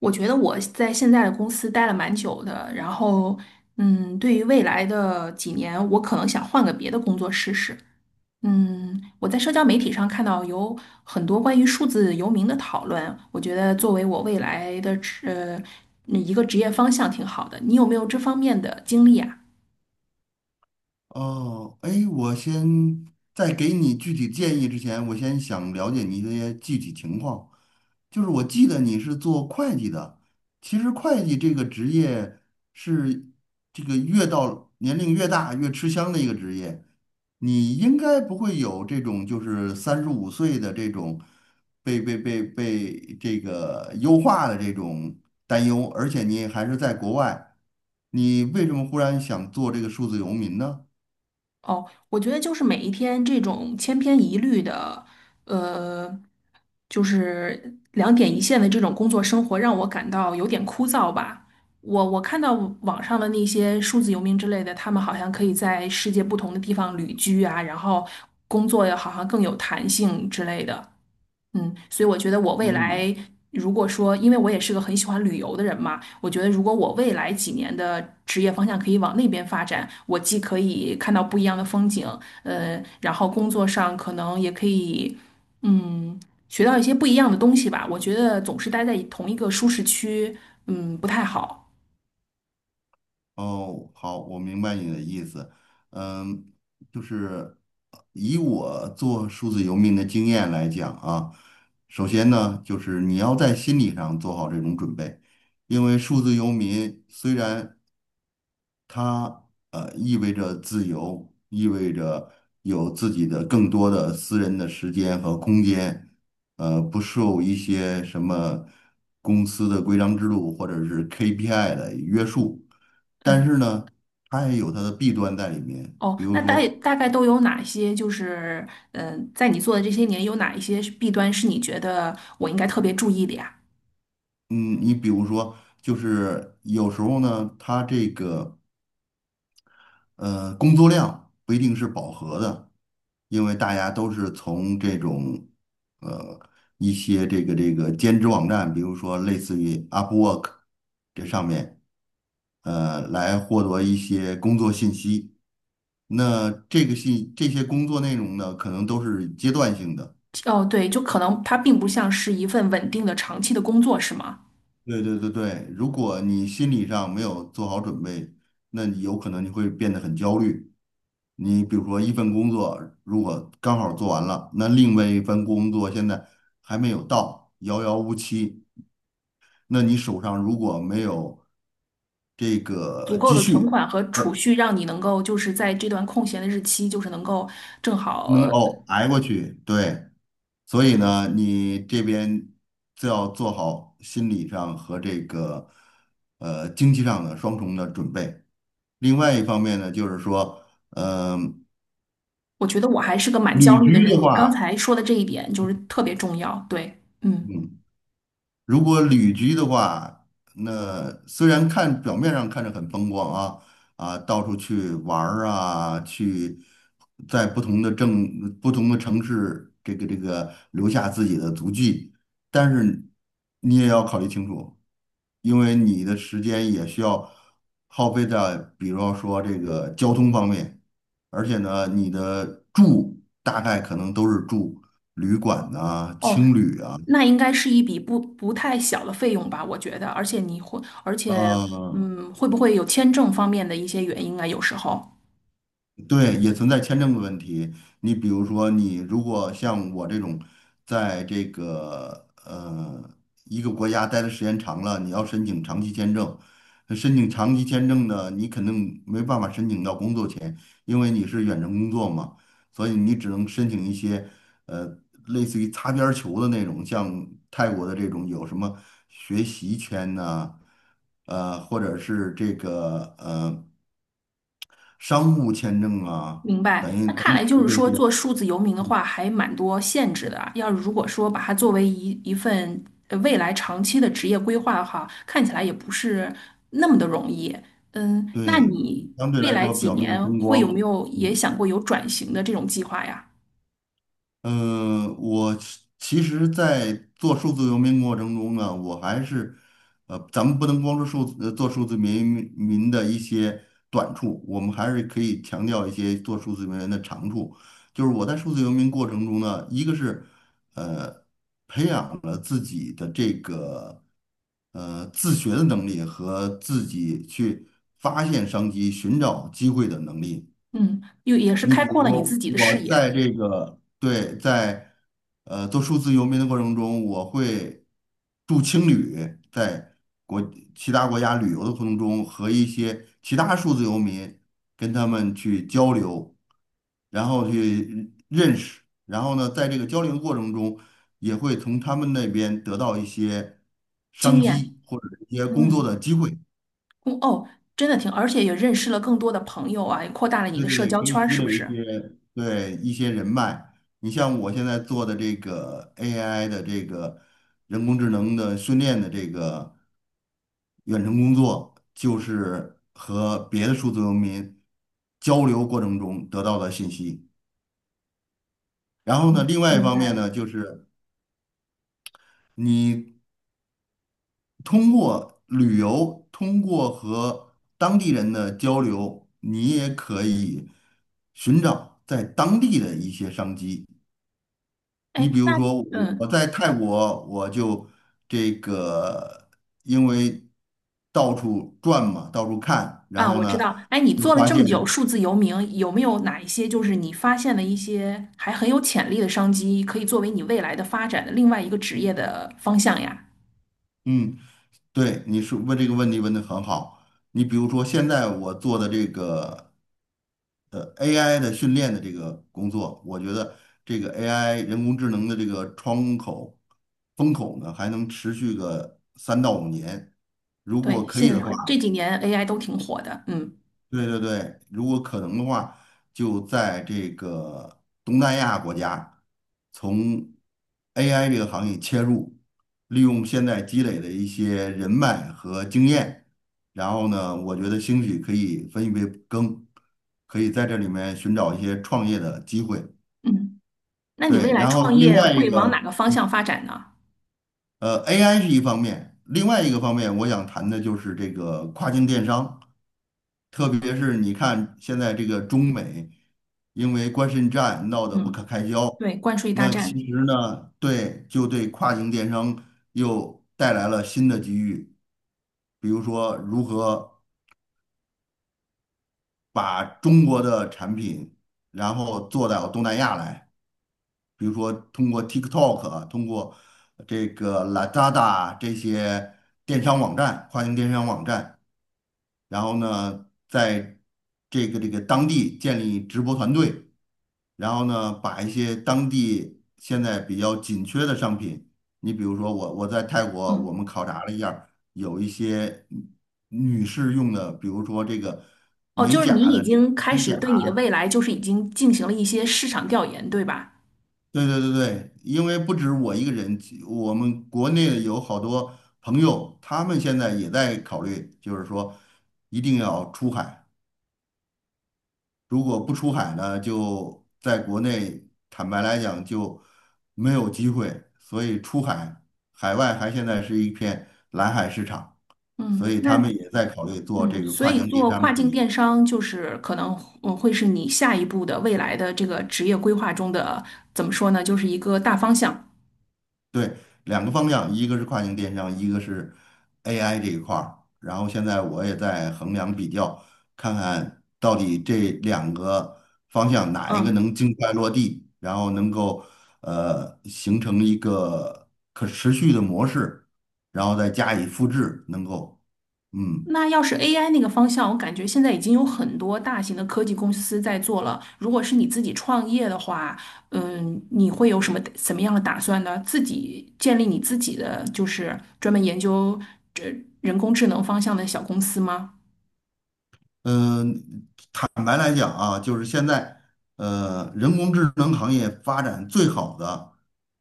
我觉得我在现在的公司待了蛮久的，然后，对于未来的几年，我可能想换个别的工作试试。我在社交媒体上看到有很多关于数字游民的讨论，我觉得作为我未来的一个职业方向挺好的。你有没有这方面的经历啊？哦，哎，在给你具体建议之前，我先想了解你一些具体情况。就是我记得你是做会计的，其实会计这个职业是这个越到年龄越大越吃香的一个职业。你应该不会有这种就是35岁的这种被这个优化的这种担忧，而且你还是在国外，你为什么忽然想做这个数字游民呢？哦，我觉得就是每一天这种千篇一律的，呃。就是两点一线的这种工作生活让我感到有点枯燥吧。我看到网上的那些数字游民之类的，他们好像可以在世界不同的地方旅居啊，然后工作也好像更有弹性之类的。所以我觉得我未嗯，来如果说，因为我也是个很喜欢旅游的人嘛，我觉得如果我未来几年的职业方向可以往那边发展，我既可以看到不一样的风景，然后工作上可能也可以，嗯，学到一些不一样的东西吧。我觉得总是待在同一个舒适区，不太好。哦，好，我明白你的意思。嗯，就是以我做数字游民的经验来讲啊，首先呢，就是你要在心理上做好这种准备，因为数字游民虽然它意味着自由，意味着有自己的更多的私人的时间和空间，不受一些什么公司的规章制度或者是 KPI 的约束。但嗯，是呢，它也有它的弊端在里面。哦，那大概都有哪些？就是，在你做的这些年，有哪一些是弊端是你觉得我应该特别注意的呀？嗯，你比如说，就是有时候呢，它这个。工作量不一定是饱和的，因为大家都是从这种呃一些这个兼职网站，比如说类似于 Upwork 这上面，来获得一些工作信息。那这个信这些工作内容呢，可能都是阶段性的。哦，对，就可能它并不像是一份稳定的长期的工作，是吗？对对对对，如果你心理上没有做好准备，那你有可能你会变得很焦虑。你比如说一份工作，如果刚好做完了，那另外一份工作现在还没有到，遥遥无期。那你手上如果没有这足个够积的存蓄，款和储蓄，让你能够就是在这段空闲的日期，就是能够正好。能够挨过去，对，所以呢，你这边就要做好心理上和这个经济上的双重的准备。另外一方面呢，就是说，嗯、我觉得我还是个蛮焦旅虑的居人，的你刚话，才说的这一点就是特别重要。对，嗯，嗯。如果旅居的话，那虽然看表面上看着很风光啊，到处去玩儿啊，去在不同的城市，这个留下自己的足迹，但是你也要考虑清楚，因为你的时间也需要耗费在，比如说这个交通方面，而且呢，你的住大概可能都是住旅馆呐、哦，青旅啊。那应该是一笔不太小的费用吧？我觉得，而且，呃，会不会有签证方面的一些原因啊？有时候。对，也存在签证的问题。你比如说，你如果像我这种，在这个一个国家待的时间长了，你要申请长期签证，那申请长期签证呢，你肯定没办法申请到工作签，因为你是远程工作嘛。所以你只能申请一些呃类似于擦边儿球的那种，像泰国的这种有什么学习签呐、或者是这个商务签证啊，明等白，于那等看于来就是这说，些，做数字游民的话还蛮多限制的啊。要是如果说把它作为一份未来长期的职业规划的话，看起来也不是那么的容易。嗯，那对，你相对未来来说几表面年风会光，有没有也嗯。想过有转型的这种计划呀？我其实，在做数字游民过程中呢，我还是，咱们不能光说数字，做数字民的一些短处，我们还是可以强调一些做数字游民的长处。就是我在数字游民过程中呢，一个是，呃，培养了自己的这个，自学的能力和自己去发现商机、寻找机会的能力。嗯，又也是你开比阔如了你说，自己的我视野、在这个对，在做数字游民的过程中，我会住青旅，在国其他国家旅游的过程中，和一些其他数字游民跟他们去交流，然后去认识，然后呢，在这个交流过程中，也会从他们那边得到一些经商验。机或者一些工作嗯，的机会。嗯哦，真的挺，而且也认识了更多的朋友啊，也扩大了你对的对社对，交可圈以儿，积是不累一是？些对一些人脉。你像我现在做的这个 AI 的这个人工智能的训练的这个远程工作，就是和别的数字游民交流过程中得到的信息。然后呢，嗯，另外一明方白面了。呢，就是你通过旅游，通过和当地人的交流，你也可以寻找在当地的一些商机。哎，你比那。如说，我嗯，在泰国，我就这个，因为到处转嘛，到处看，然啊，后我知呢，道。哎，你就做了发这么现，久数字游民，有没有哪一些就是你发现的一些还很有潜力的商机，可以作为你未来的发展的另外一个职业的方向呀？嗯，对，你说问这个问题问的很好。你比如说，现在我做的这个AI 的训练的这个工作，我觉得这个 AI 人工智能的这个风口呢，还能持续个3到5年。如果对，可现以的在话。很，这几年 AI 都挺火的。嗯对对对，如果可能的话，就在这个东南亚国家，从 AI 这个行业切入，利用现在积累的一些人脉和经验，然后呢，我觉得兴许可以分一杯羹，可以在这里面寻找一些创业的机会。嗯，那你未对，来然后创另业外一会往哪个，个方向发展呢？AI 是一方面，另外一个方面，我想谈的就是这个跨境电商。特别是你看现在这个中美因为关税战闹得不嗯，可开交，对，关税大那战。其实呢，对，就对跨境电商又带来了新的机遇，比如说如何把中国的产品，然后做到东南亚来。比如说通过 TikTok 啊，通过这个 Lazada 这些电商网站、跨境电商网站，然后呢，在这个当地建立直播团队，然后呢，把一些当地现在比较紧缺的商品，你比如说我在泰国，我嗯，们考察了一下儿有一些女士用的，比如说这个哦，美就是你甲已的这个经开指始甲。对你的未来就是已经进行了一些市场调研，对吧？对对对对，因为不止我一个人，我们国内有好多朋友，他们现在也在考虑，就是说一定要出海。如果不出海呢，就在国内，坦白来讲就没有机会。所以出海，海外还现在是一片蓝海市场，所嗯，以那他们也在考虑做这嗯，个所跨以境电做跨商生境意。电商就是可能会是你下一步的未来的这个职业规划中的怎么说呢，就是一个大方向。对，两个方向，一个是跨境电商，一个是 AI 这一块儿。然后现在我也在衡量比较，看看到底这两个方向哪一个嗯，能尽快落地，然后能够形成一个可持续的模式，然后再加以复制，能够嗯。那要是 AI 那个方向，我感觉现在已经有很多大型的科技公司在做了。如果是你自己创业的话，你会有什么怎么样的打算呢？自己建立你自己的就是专门研究这人工智能方向的小公司吗？嗯，坦白来讲啊，就是现在，人工智能行业发展最好的，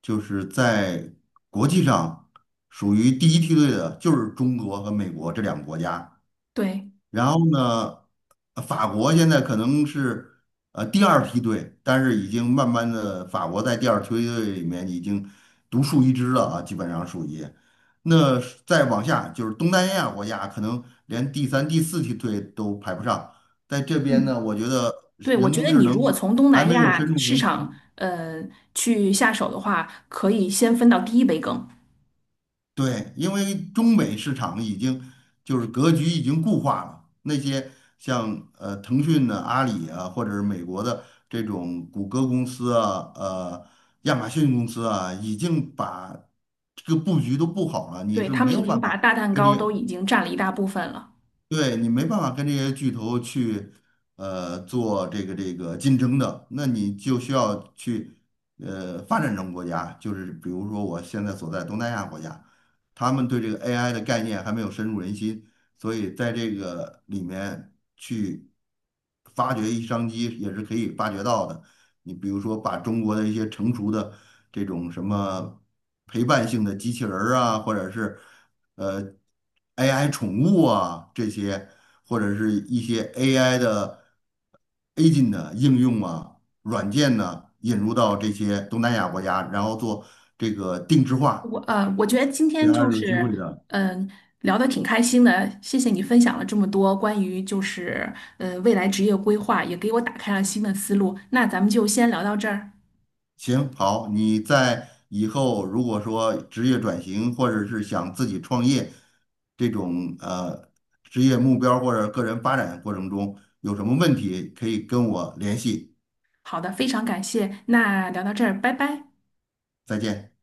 就是在国际上属于第一梯队的，就是中国和美国这两个国家。对，然后呢，法国现在可能是第二梯队，但是已经慢慢的，法国在第二梯队里面已经独树一帜了啊，基本上属于。那是再往下就是东南亚国家，可能连第三、第四梯队都排不上。在这边呢，嗯。我觉得对，我人觉工得智你如果能从东还南没有亚深入市人场，心，去下手的话，可以先分到第一杯羹。对，因为中美市场已经就是格局已经固化了，那些像腾讯的、阿里啊，或者是美国的这种谷歌公司啊、亚马逊公司啊，已经把这个布局都布好了，你对，是他没们已有经办把法大蛋跟糕都已你经占了一大部分了。对你没办法跟这些巨头去，做这个竞争的，那你就需要去，发展中国家，就是比如说我现在所在东南亚国家，他们对这个 AI 的概念还没有深入人心，所以在这个里面去发掘一商机也是可以发掘到的。你比如说把中国的一些成熟的这种什么陪伴性的机器人儿啊，或者是。呃 AI 宠物啊这些，或者是一些 AI 的 agent 的应用啊、软件呢，引入到这些东南亚国家，然后做这个定制化，我觉得今这天还就是有机是，会的。嗯、聊得挺开心的，谢谢你分享了这么多关于就是未来职业规划，也给我打开了新的思路。那咱们就先聊到这儿。行，好，你在以后如果说职业转型，或者是想自己创业这种职业目标或者个人发展过程中有什么问题，可以跟我联系。好的，非常感谢，那聊到这儿，拜拜。再见。